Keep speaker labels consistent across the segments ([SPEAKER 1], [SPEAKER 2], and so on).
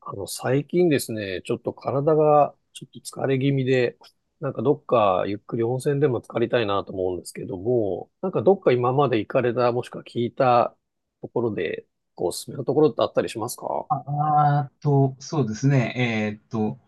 [SPEAKER 1] 最近ですね、ちょっと体がちょっと疲れ気味で、なんかどっかゆっくり温泉でも浸かりたいなと思うんですけども、なんかどっか今まで行かれた、もしくは聞いたところで、こうおすすめのところってあったりしますか？
[SPEAKER 2] あーと、そうですね。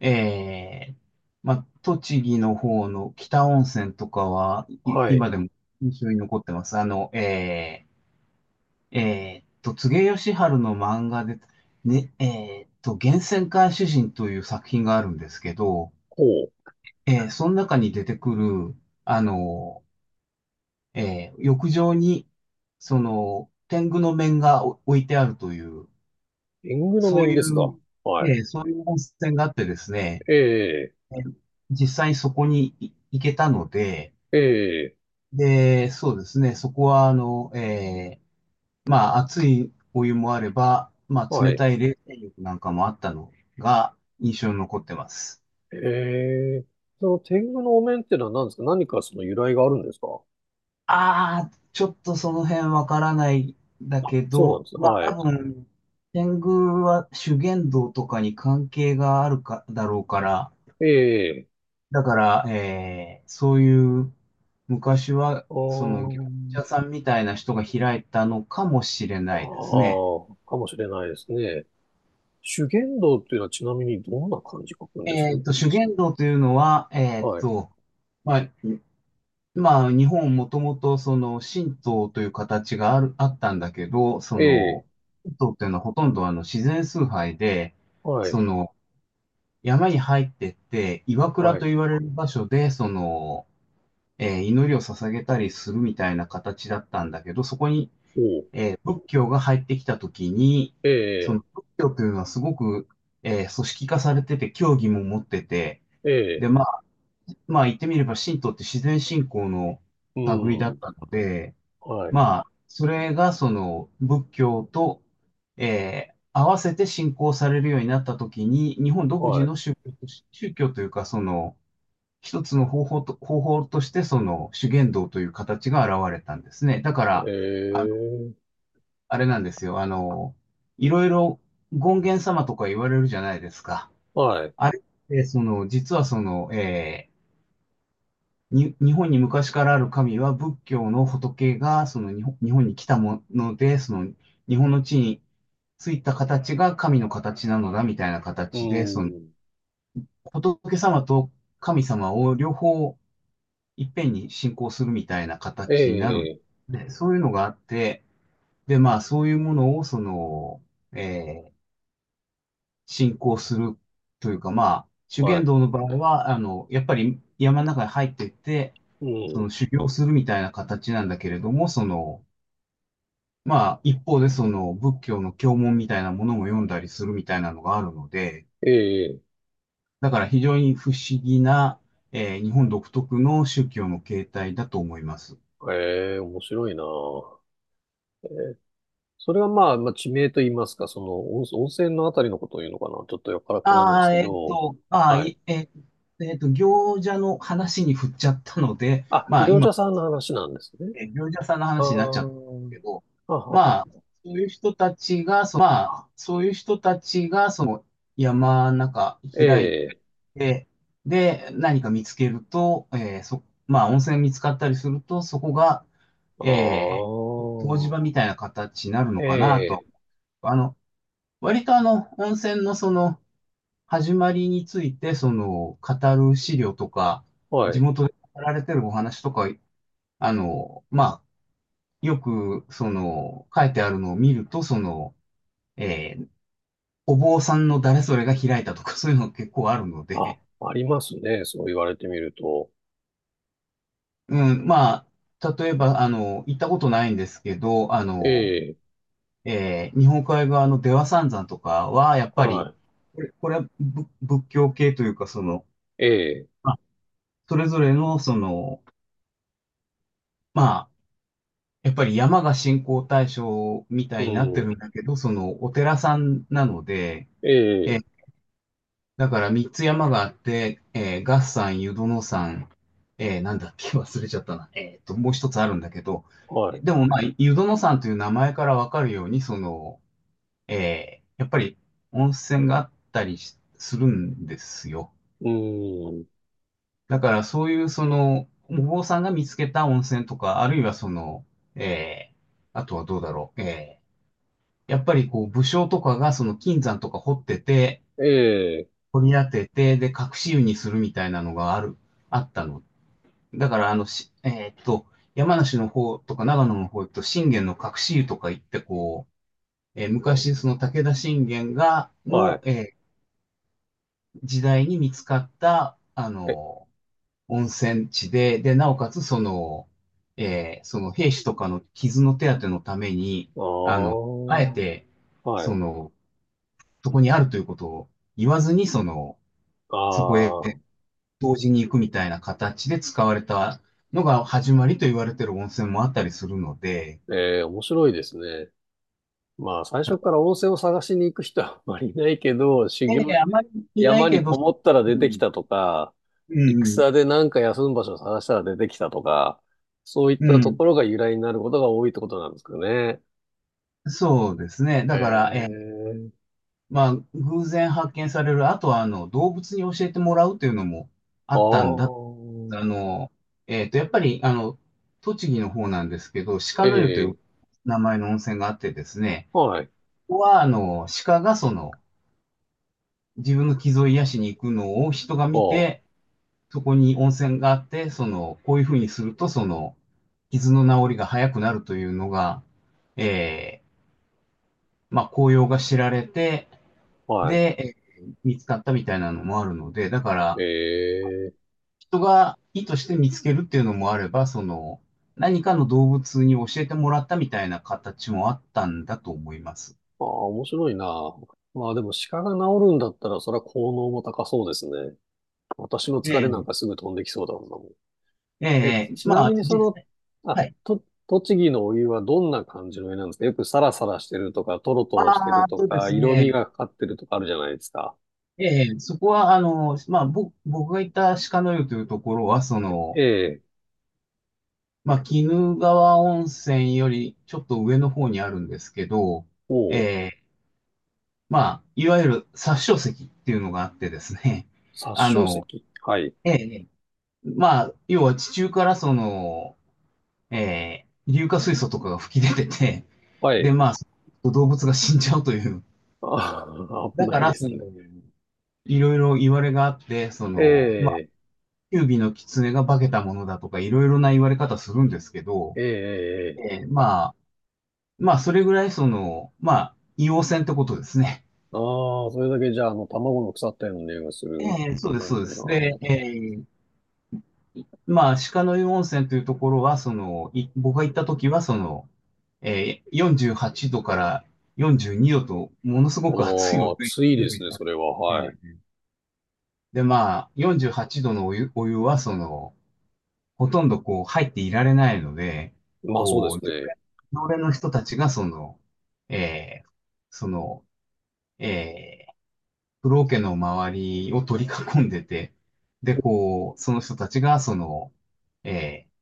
[SPEAKER 2] えー、まあ、栃木の方の北温泉とかは、
[SPEAKER 1] はい。
[SPEAKER 2] 今でも印象に残ってます。柘植義春の漫画で、ね、えーっと、源泉回主人という作品があるんですけど、
[SPEAKER 1] ほう。
[SPEAKER 2] その中に出てくる、あの、浴場に、その、天狗の面が置いてあるという、
[SPEAKER 1] 縁具の
[SPEAKER 2] そう
[SPEAKER 1] 面
[SPEAKER 2] い
[SPEAKER 1] ですか？
[SPEAKER 2] う、
[SPEAKER 1] は
[SPEAKER 2] そういう温泉があってですね、
[SPEAKER 1] い。ええ、
[SPEAKER 2] え実際にそこに行けたので、
[SPEAKER 1] ええ、
[SPEAKER 2] で、そうですね、そこは、まあ、熱いお湯もあれば、まあ、
[SPEAKER 1] は
[SPEAKER 2] 冷
[SPEAKER 1] い。
[SPEAKER 2] たい冷泉浴なんかもあったのが印象に残ってます。
[SPEAKER 1] ええ、その天狗のお面っていうのは何ですか？何かその由来があるんですか？
[SPEAKER 2] ああ、ちょっとその辺わからないんだ
[SPEAKER 1] あ、
[SPEAKER 2] け
[SPEAKER 1] そうな
[SPEAKER 2] ど、
[SPEAKER 1] んです。
[SPEAKER 2] まあ、
[SPEAKER 1] はい。
[SPEAKER 2] 多分、天狗は修験道とかに関係があるか、だろうから、
[SPEAKER 1] ええ、
[SPEAKER 2] だから、そういう昔は
[SPEAKER 1] あ
[SPEAKER 2] その業
[SPEAKER 1] ー。
[SPEAKER 2] 者さんみたいな人が開いたのかもしれ
[SPEAKER 1] あ
[SPEAKER 2] ないです
[SPEAKER 1] あ、
[SPEAKER 2] ね。
[SPEAKER 1] かもしれないですね。修験道っていうのはちなみにどんな漢字書くんです？
[SPEAKER 2] えっと、修験道というのは、えっ
[SPEAKER 1] はい。
[SPEAKER 2] と、まあ、まあ、日本もともとその神道という形がある、あったんだけど、そ
[SPEAKER 1] ええ、
[SPEAKER 2] の、神道っていうのはほとんどあの自然崇拝で、
[SPEAKER 1] はい、
[SPEAKER 2] その、山に入ってって、岩倉
[SPEAKER 1] は
[SPEAKER 2] と
[SPEAKER 1] い、
[SPEAKER 2] 言われる場所で、その、祈りを捧げたりするみたいな形だったんだけど、そこに
[SPEAKER 1] おう、
[SPEAKER 2] 仏教が入ってきたときに、
[SPEAKER 1] え
[SPEAKER 2] その
[SPEAKER 1] え、
[SPEAKER 2] 仏教というのはすごく、組織化されてて、教義も持ってて、
[SPEAKER 1] え
[SPEAKER 2] で、
[SPEAKER 1] え、
[SPEAKER 2] まあ、まあ言ってみれば神道って自然信仰の
[SPEAKER 1] う
[SPEAKER 2] 類だっ
[SPEAKER 1] ん、
[SPEAKER 2] たので、
[SPEAKER 1] はい、
[SPEAKER 2] まあ、それがその仏教と、合わせて信仰されるようになったときに、日本独自
[SPEAKER 1] はい、
[SPEAKER 2] の宗教とし、宗教というか、その、一つの方法と、方法として、その、修験道という形が現れたんですね。だから、
[SPEAKER 1] え
[SPEAKER 2] あ
[SPEAKER 1] え、
[SPEAKER 2] あれなんですよ。あの、いろいろ権現様とか言われるじゃないですか。
[SPEAKER 1] はい、
[SPEAKER 2] あれって、その、実はその、えーに、日本に昔からある神は仏教の仏が、日本に来たもので、その、日本の地についた形が神の形なのだ、みたいな
[SPEAKER 1] う
[SPEAKER 2] 形で、その、
[SPEAKER 1] ん、
[SPEAKER 2] 仏様と神様を両方いっぺんに信仰するみたいな
[SPEAKER 1] え
[SPEAKER 2] 形になるん
[SPEAKER 1] え、
[SPEAKER 2] で、そういうのがあって、で、まあ、そういうものを、その、えー進行するというか、まあ、修
[SPEAKER 1] は
[SPEAKER 2] 験
[SPEAKER 1] い、
[SPEAKER 2] 道の場合は、あの、やっぱり山の中に入っていって、
[SPEAKER 1] う
[SPEAKER 2] そ
[SPEAKER 1] ん、
[SPEAKER 2] の修行するみたいな形なんだけれども、その、まあ、一方でその仏教の経文みたいなものも読んだりするみたいなのがあるので、
[SPEAKER 1] ええ、
[SPEAKER 2] だから非常に不思議な、日本独特の宗教の形態だと思います。
[SPEAKER 1] ええ、面白いな。ええ、それはまあ、まあ、地名と言いますか、その温泉のあたりのことを言うのかな。ちょっとよくわからないで
[SPEAKER 2] あ
[SPEAKER 1] す
[SPEAKER 2] あ、
[SPEAKER 1] け
[SPEAKER 2] えっ
[SPEAKER 1] ど、
[SPEAKER 2] と、ああ、
[SPEAKER 1] はい。
[SPEAKER 2] いええっと、行者の話に振っちゃったので、
[SPEAKER 1] あ、
[SPEAKER 2] まあ、
[SPEAKER 1] 行
[SPEAKER 2] 今
[SPEAKER 1] 者さんの話なんですね。
[SPEAKER 2] 業者さんの
[SPEAKER 1] ああ、
[SPEAKER 2] 話になっちゃったんですけ
[SPEAKER 1] は
[SPEAKER 2] ど、
[SPEAKER 1] は
[SPEAKER 2] まあ、
[SPEAKER 1] は。
[SPEAKER 2] そういう人たちが、そまあ、そういう人たちが、その山の中
[SPEAKER 1] え
[SPEAKER 2] 開い
[SPEAKER 1] え、
[SPEAKER 2] て、で、何か見つけると、えーそ、まあ、温泉見つかったりすると、そこが、
[SPEAKER 1] あ
[SPEAKER 2] え湯治場
[SPEAKER 1] あ、
[SPEAKER 2] みたいな形になる
[SPEAKER 1] え
[SPEAKER 2] のかなと。
[SPEAKER 1] え、
[SPEAKER 2] あの、割とあの、温泉のその、始まりについて、その、語る資料とか、
[SPEAKER 1] は
[SPEAKER 2] 地
[SPEAKER 1] い。
[SPEAKER 2] 元で語られてるお話とか、あの、まあ、よく、その、書いてあるのを見ると、その、えーお坊さんの誰それが開いたとか、そういうの結構あるの
[SPEAKER 1] あ、
[SPEAKER 2] で、
[SPEAKER 1] ありますね。そう言われてみると。
[SPEAKER 2] うん、まあ、例えば、あの、行ったことないんですけど、あ
[SPEAKER 1] え
[SPEAKER 2] の、
[SPEAKER 1] え、
[SPEAKER 2] 日本海側の出羽三山とかは、やっぱり、
[SPEAKER 1] は
[SPEAKER 2] これは仏教系というか、その、
[SPEAKER 1] い。ええ、
[SPEAKER 2] まあそれぞれの、その、まあ、やっぱり山が信仰対象みた
[SPEAKER 1] う
[SPEAKER 2] いになってるん
[SPEAKER 1] ん。
[SPEAKER 2] だけど、その、お寺さんなので、
[SPEAKER 1] え
[SPEAKER 2] え
[SPEAKER 1] え、
[SPEAKER 2] だから三つ山があって、えー、合山、湯殿山、えー、なんだっけ、忘れちゃったな。えーと、もう一つあるんだけど、
[SPEAKER 1] はい。
[SPEAKER 2] でもまあ、湯殿山という名前からわかるように、その、えー、やっぱり温泉があったりするんですよ。
[SPEAKER 1] うん。
[SPEAKER 2] だからそういう、その、お坊さんが見つけた温泉とか、あるいはその、えー、あとはどうだろう。やっぱりこう武将とかがその金山とか掘ってて、
[SPEAKER 1] ええ、
[SPEAKER 2] 掘り当てて、で、隠し湯にするみたいなのがあったの。だから、あの、し、えーっと、山梨の方とか長野の方と信玄の隠し湯とか行って、こう、えー昔、
[SPEAKER 1] あ
[SPEAKER 2] その武田信玄が、
[SPEAKER 1] は
[SPEAKER 2] の、
[SPEAKER 1] い。
[SPEAKER 2] えー時代に見つかった、あ
[SPEAKER 1] え、
[SPEAKER 2] の、温泉地で、で、なおかつ、その、その兵士とかの傷の手当てのために、
[SPEAKER 1] あ
[SPEAKER 2] あの、
[SPEAKER 1] あ、
[SPEAKER 2] あえて、
[SPEAKER 1] は
[SPEAKER 2] そ
[SPEAKER 1] い。
[SPEAKER 2] の、そこにあるということを言わずに、その、
[SPEAKER 1] あ
[SPEAKER 2] そこへ
[SPEAKER 1] あ、
[SPEAKER 2] 同時に行くみたいな形で使われたのが始まりと言われてる温泉もあったりするので、
[SPEAKER 1] ええ、面白いですね。まあ、最初から温泉を探しに行く人はあまりいないけど、修
[SPEAKER 2] え
[SPEAKER 1] 行
[SPEAKER 2] え、
[SPEAKER 1] で
[SPEAKER 2] あまりいない
[SPEAKER 1] 山に
[SPEAKER 2] けど、
[SPEAKER 1] こもったら出
[SPEAKER 2] う
[SPEAKER 1] てき
[SPEAKER 2] ん、
[SPEAKER 1] たとか、
[SPEAKER 2] うん、
[SPEAKER 1] 戦でなんか休む場所を探したら出てきたとか、そういっ
[SPEAKER 2] う
[SPEAKER 1] たと
[SPEAKER 2] ん。
[SPEAKER 1] ころが由来になることが多いってことなんですかね。
[SPEAKER 2] そうですね。
[SPEAKER 1] へ
[SPEAKER 2] だから、ええ、
[SPEAKER 1] え。
[SPEAKER 2] まあ、偶然発見される、あとは、あの、動物に教えてもらうというのもあ
[SPEAKER 1] ああ、
[SPEAKER 2] ったんだ。あの、えっと、やっぱり、あの、栃木の方なんですけど、鹿
[SPEAKER 1] え
[SPEAKER 2] の湯という
[SPEAKER 1] え、
[SPEAKER 2] 名前の温泉があってですね、
[SPEAKER 1] はい。
[SPEAKER 2] ここは、あの、鹿がその、自分の傷を癒しに行くのを人が見
[SPEAKER 1] ああ、
[SPEAKER 2] て、そこに温泉があって、その、こういうふうにすると、その、傷の治りが早くなるというのが、えー、まあ、紅葉が知られて、
[SPEAKER 1] はい。
[SPEAKER 2] で、見つかったみたいなのもあるので、だか
[SPEAKER 1] え
[SPEAKER 2] ら、
[SPEAKER 1] え、
[SPEAKER 2] 人が意図して見つけるっていうのもあれば、その、何かの動物に教えてもらったみたいな形もあったんだと思います。
[SPEAKER 1] ああ、面白いな。まあでも鹿が治るんだったら、それは効能も高そうですね。私の
[SPEAKER 2] え
[SPEAKER 1] 疲れなん
[SPEAKER 2] え、
[SPEAKER 1] かすぐ飛んできそうだもんな。
[SPEAKER 2] ええ、
[SPEAKER 1] ちな
[SPEAKER 2] まあ、
[SPEAKER 1] みにそ
[SPEAKER 2] 実
[SPEAKER 1] の、
[SPEAKER 2] 際、はい。
[SPEAKER 1] 栃木のお湯はどんな感じのお湯なんですか？よくサラサラしてるとか、トロト
[SPEAKER 2] あ
[SPEAKER 1] ロしてる
[SPEAKER 2] あ、
[SPEAKER 1] と
[SPEAKER 2] そうで
[SPEAKER 1] か、
[SPEAKER 2] す
[SPEAKER 1] 色味
[SPEAKER 2] ね。
[SPEAKER 1] がかかってるとかあるじゃないですか。
[SPEAKER 2] ええ、そこは、あの、まあ、僕が行った鹿の湯というところは、そ
[SPEAKER 1] え
[SPEAKER 2] の、
[SPEAKER 1] え、
[SPEAKER 2] まあ、鬼怒川温泉よりちょっと上の方にあるんですけど、え
[SPEAKER 1] おう、
[SPEAKER 2] え、まあ、いわゆる殺生石っていうのがあってですね、
[SPEAKER 1] 殺
[SPEAKER 2] あ
[SPEAKER 1] 生石、
[SPEAKER 2] の、
[SPEAKER 1] はい、
[SPEAKER 2] ええ、まあ、要は地中からその、ええ、硫化水素とかが吹き出てて、
[SPEAKER 1] は
[SPEAKER 2] で、
[SPEAKER 1] い。
[SPEAKER 2] まあ、動物が死んじゃうという。
[SPEAKER 1] あー、危
[SPEAKER 2] だか
[SPEAKER 1] ないで
[SPEAKER 2] ら、そ
[SPEAKER 1] す
[SPEAKER 2] の、
[SPEAKER 1] ね。
[SPEAKER 2] いろいろ言われがあって、そ
[SPEAKER 1] え
[SPEAKER 2] の、
[SPEAKER 1] え、
[SPEAKER 2] 九尾の狐が化けたものだとか、いろいろな言われ方するんですけど、
[SPEAKER 1] ええ、ええ。
[SPEAKER 2] まあ、まあ、それぐらいその、まあ、硫黄泉ってことですね。
[SPEAKER 1] ああ、それだけじゃあ、卵の腐ったような匂いがする
[SPEAKER 2] そうです、
[SPEAKER 1] 感
[SPEAKER 2] そう
[SPEAKER 1] じ
[SPEAKER 2] で
[SPEAKER 1] な
[SPEAKER 2] す。で、
[SPEAKER 1] の。
[SPEAKER 2] ーまあ、鹿の湯温泉というところは、その、僕が行った時は、その、えー48度から42度と、ものすごく熱いお
[SPEAKER 1] おー、
[SPEAKER 2] 湯が
[SPEAKER 1] 暑いで
[SPEAKER 2] 用意
[SPEAKER 1] すね、
[SPEAKER 2] さ
[SPEAKER 1] そ
[SPEAKER 2] れて
[SPEAKER 1] れ
[SPEAKER 2] て、
[SPEAKER 1] は。はい。
[SPEAKER 2] で、まあ、48度のお湯、お湯は、その、ほとんどこう入っていられないので、
[SPEAKER 1] まあそうで
[SPEAKER 2] こう、
[SPEAKER 1] すね。
[SPEAKER 2] 常連の人たちがその、えーその、えー、風呂桶の周りを取り囲んでて、で、こう、その人たちがその、えー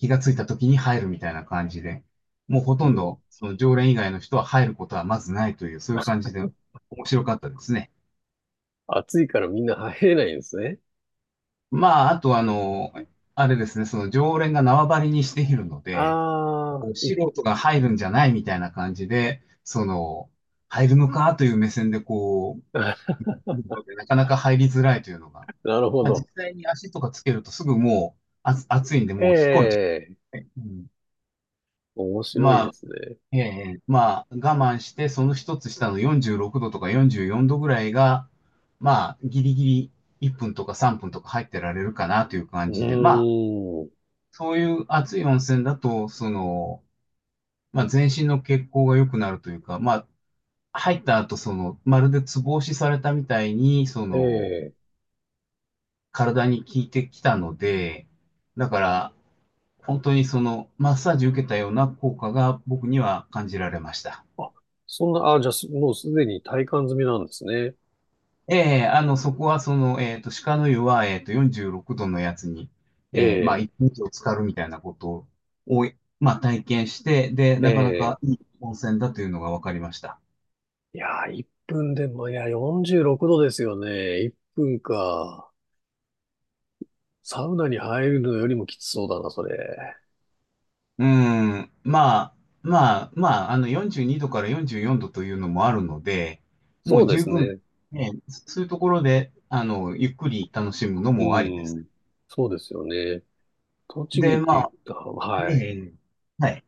[SPEAKER 2] 気がついた時に入るみたいな感じで、もうほ
[SPEAKER 1] う
[SPEAKER 2] とん
[SPEAKER 1] ん。
[SPEAKER 2] どその常連以外の人は入ることはまずないという、そういう感じで面白かったですね。
[SPEAKER 1] 暑いからみんな入れないんですね。
[SPEAKER 2] まあ、あとあの、あれですね、その常連が縄張りにしているので、
[SPEAKER 1] あ
[SPEAKER 2] こう
[SPEAKER 1] あ、
[SPEAKER 2] 素人が入るんじゃないみたいな感じで、その、入るのかという目線でこ
[SPEAKER 1] な
[SPEAKER 2] う、来るのでなかなか入りづらいというのが。
[SPEAKER 1] るほ
[SPEAKER 2] まあ、
[SPEAKER 1] ど。
[SPEAKER 2] 実際に足とかつけるとすぐもう、あ、暑いんで
[SPEAKER 1] え
[SPEAKER 2] もう引っ込めちゃ
[SPEAKER 1] え、
[SPEAKER 2] う。うん
[SPEAKER 1] 面白い
[SPEAKER 2] ま
[SPEAKER 1] で
[SPEAKER 2] あ、
[SPEAKER 1] すね。
[SPEAKER 2] ええ、まあ、我慢して、その一つ下の46度とか44度ぐらいが、まあ、ギリギリ1分とか3分とか入ってられるかなという感
[SPEAKER 1] う
[SPEAKER 2] じで、まあ、
[SPEAKER 1] ーん。
[SPEAKER 2] そういう熱い温泉だと、その、まあ、全身の血行が良くなるというか、まあ、入った後、その、まるでツボ押しされたみたいに、そ
[SPEAKER 1] え
[SPEAKER 2] の、
[SPEAKER 1] え。
[SPEAKER 2] 体に効いてきたので、だから、本当にその、マッサージ受けたような効果が僕には感じられました。
[SPEAKER 1] あ、そんな、あ、じゃあ、すもうすでに体感済みなんですね。
[SPEAKER 2] ええ、そこはその、鹿の湯は、46度のやつに、
[SPEAKER 1] え
[SPEAKER 2] まあ、
[SPEAKER 1] え、
[SPEAKER 2] 1日を浸かるみたいなことを、まあ、体験して、で、
[SPEAKER 1] え
[SPEAKER 2] なかなか
[SPEAKER 1] え。
[SPEAKER 2] いい温泉だというのが分かりました。
[SPEAKER 1] いやー、1分でも、いや、46度ですよね。1分か。サウナに入るのよりもきつそうだな、それ。
[SPEAKER 2] うん、まあ、あの、42度から44度というのもあるので、も
[SPEAKER 1] そう
[SPEAKER 2] う
[SPEAKER 1] で
[SPEAKER 2] 十
[SPEAKER 1] す
[SPEAKER 2] 分、
[SPEAKER 1] ね。
[SPEAKER 2] ね、そういうところで、あの、ゆっくり楽しむの
[SPEAKER 1] う
[SPEAKER 2] もありです。
[SPEAKER 1] ん。そうですよね。栃木
[SPEAKER 2] で、
[SPEAKER 1] って
[SPEAKER 2] ま
[SPEAKER 1] 言っ
[SPEAKER 2] あ、
[SPEAKER 1] た、はい。
[SPEAKER 2] ね、はい。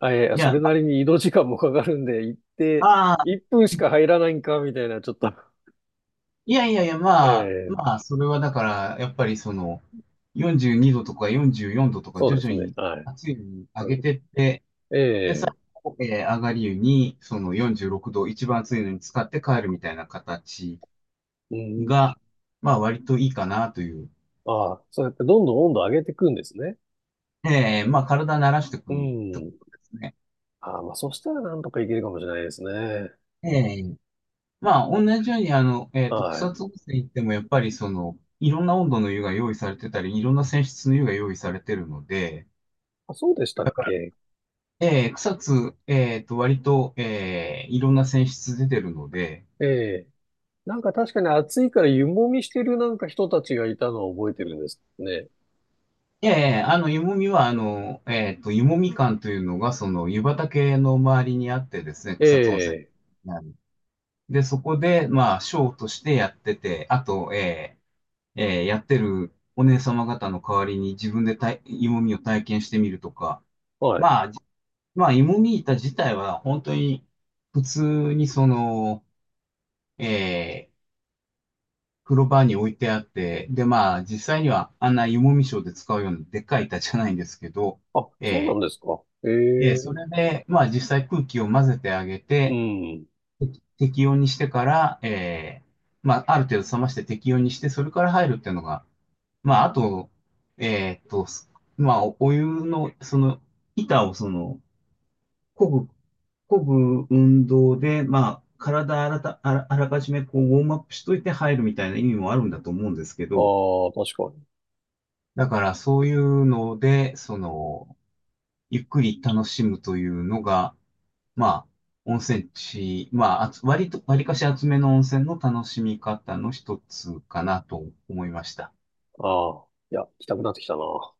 [SPEAKER 1] あ、いやい
[SPEAKER 2] い
[SPEAKER 1] や、そ
[SPEAKER 2] や、
[SPEAKER 1] れなりに移動時間もかかるんで、行って、
[SPEAKER 2] ああ、
[SPEAKER 1] 1分しか入らないんか、みたいな、ちょっと、
[SPEAKER 2] いやいやいや、
[SPEAKER 1] ええ、
[SPEAKER 2] まあ、それはだから、やっぱりその、42度とか44度とか
[SPEAKER 1] そう
[SPEAKER 2] 徐
[SPEAKER 1] で
[SPEAKER 2] 々
[SPEAKER 1] すね。
[SPEAKER 2] に
[SPEAKER 1] はい。
[SPEAKER 2] 熱いのに
[SPEAKER 1] あ
[SPEAKER 2] 上
[SPEAKER 1] の
[SPEAKER 2] げてって、
[SPEAKER 1] え
[SPEAKER 2] で、最
[SPEAKER 1] え、
[SPEAKER 2] 後、上がり湯に、その46度、一番熱いのに使って帰るみたいな形
[SPEAKER 1] うん。
[SPEAKER 2] が、まあ割といいかなという。
[SPEAKER 1] ああ、そうやってどんどん温度上げていくんですね。
[SPEAKER 2] まあ体慣らしてい
[SPEAKER 1] う
[SPEAKER 2] くとこ
[SPEAKER 1] ん。
[SPEAKER 2] ろですね。
[SPEAKER 1] ああ、まあ、そしたらなんとかいけるかもしれないですね。
[SPEAKER 2] えー、まあ同じようにあの、
[SPEAKER 1] は
[SPEAKER 2] 草
[SPEAKER 1] い。
[SPEAKER 2] 津温泉行ってもやっぱりその、いろんな温度の湯が用意されてたり、いろんな泉質の湯が用意されてるので、
[SPEAKER 1] あ、そうでしたっ
[SPEAKER 2] だから、
[SPEAKER 1] け？
[SPEAKER 2] 草津、割と、いろんな泉質出てるので、
[SPEAKER 1] ええ、なんか確かに暑いから湯もみしてるなんか人たちがいたのを覚えてるんですけどね。
[SPEAKER 2] ええ、あの、湯もみは、あの、湯もみ館というのが、その、湯畑の周りにあってですね、草津温泉。
[SPEAKER 1] ええ、
[SPEAKER 2] で、そこで、まあ、ショーとしてやってて、あと、やってるお姉様方の代わりに自分でたい芋みを体験してみるとか、
[SPEAKER 1] はい。
[SPEAKER 2] まあ、まあ、芋み板自体は本当に普通にその、えー、風呂場に置いてあって、で、まあ、実際にはあんな芋みショーで使うようなでっかい板じゃないんですけど、
[SPEAKER 1] あ、そうなん
[SPEAKER 2] え
[SPEAKER 1] ですか。え
[SPEAKER 2] そ
[SPEAKER 1] え、
[SPEAKER 2] れで、まあ、実際空気を混ぜてあげ
[SPEAKER 1] う
[SPEAKER 2] て、
[SPEAKER 1] ん。
[SPEAKER 2] 適温にしてから、まあ、ある程度冷まして適温にして、それから入るっていうのが、まあ、あと、えーっと、まあ、お湯の、その、板をその、漕ぐ、漕ぐ運動で、まあ、体あらた、あら、あらかじめこう、ウォームアップしといて入るみたいな意味もあるんだと思うんですけ
[SPEAKER 1] あ
[SPEAKER 2] ど、
[SPEAKER 1] あ、確かに。
[SPEAKER 2] だからそういうので、その、ゆっくり楽しむというのが、まあ、温泉地、まあ、割と、割かし厚めの温泉の楽しみ方の一つかなと思いました。
[SPEAKER 1] ああ、いや、行きたくなってきたな。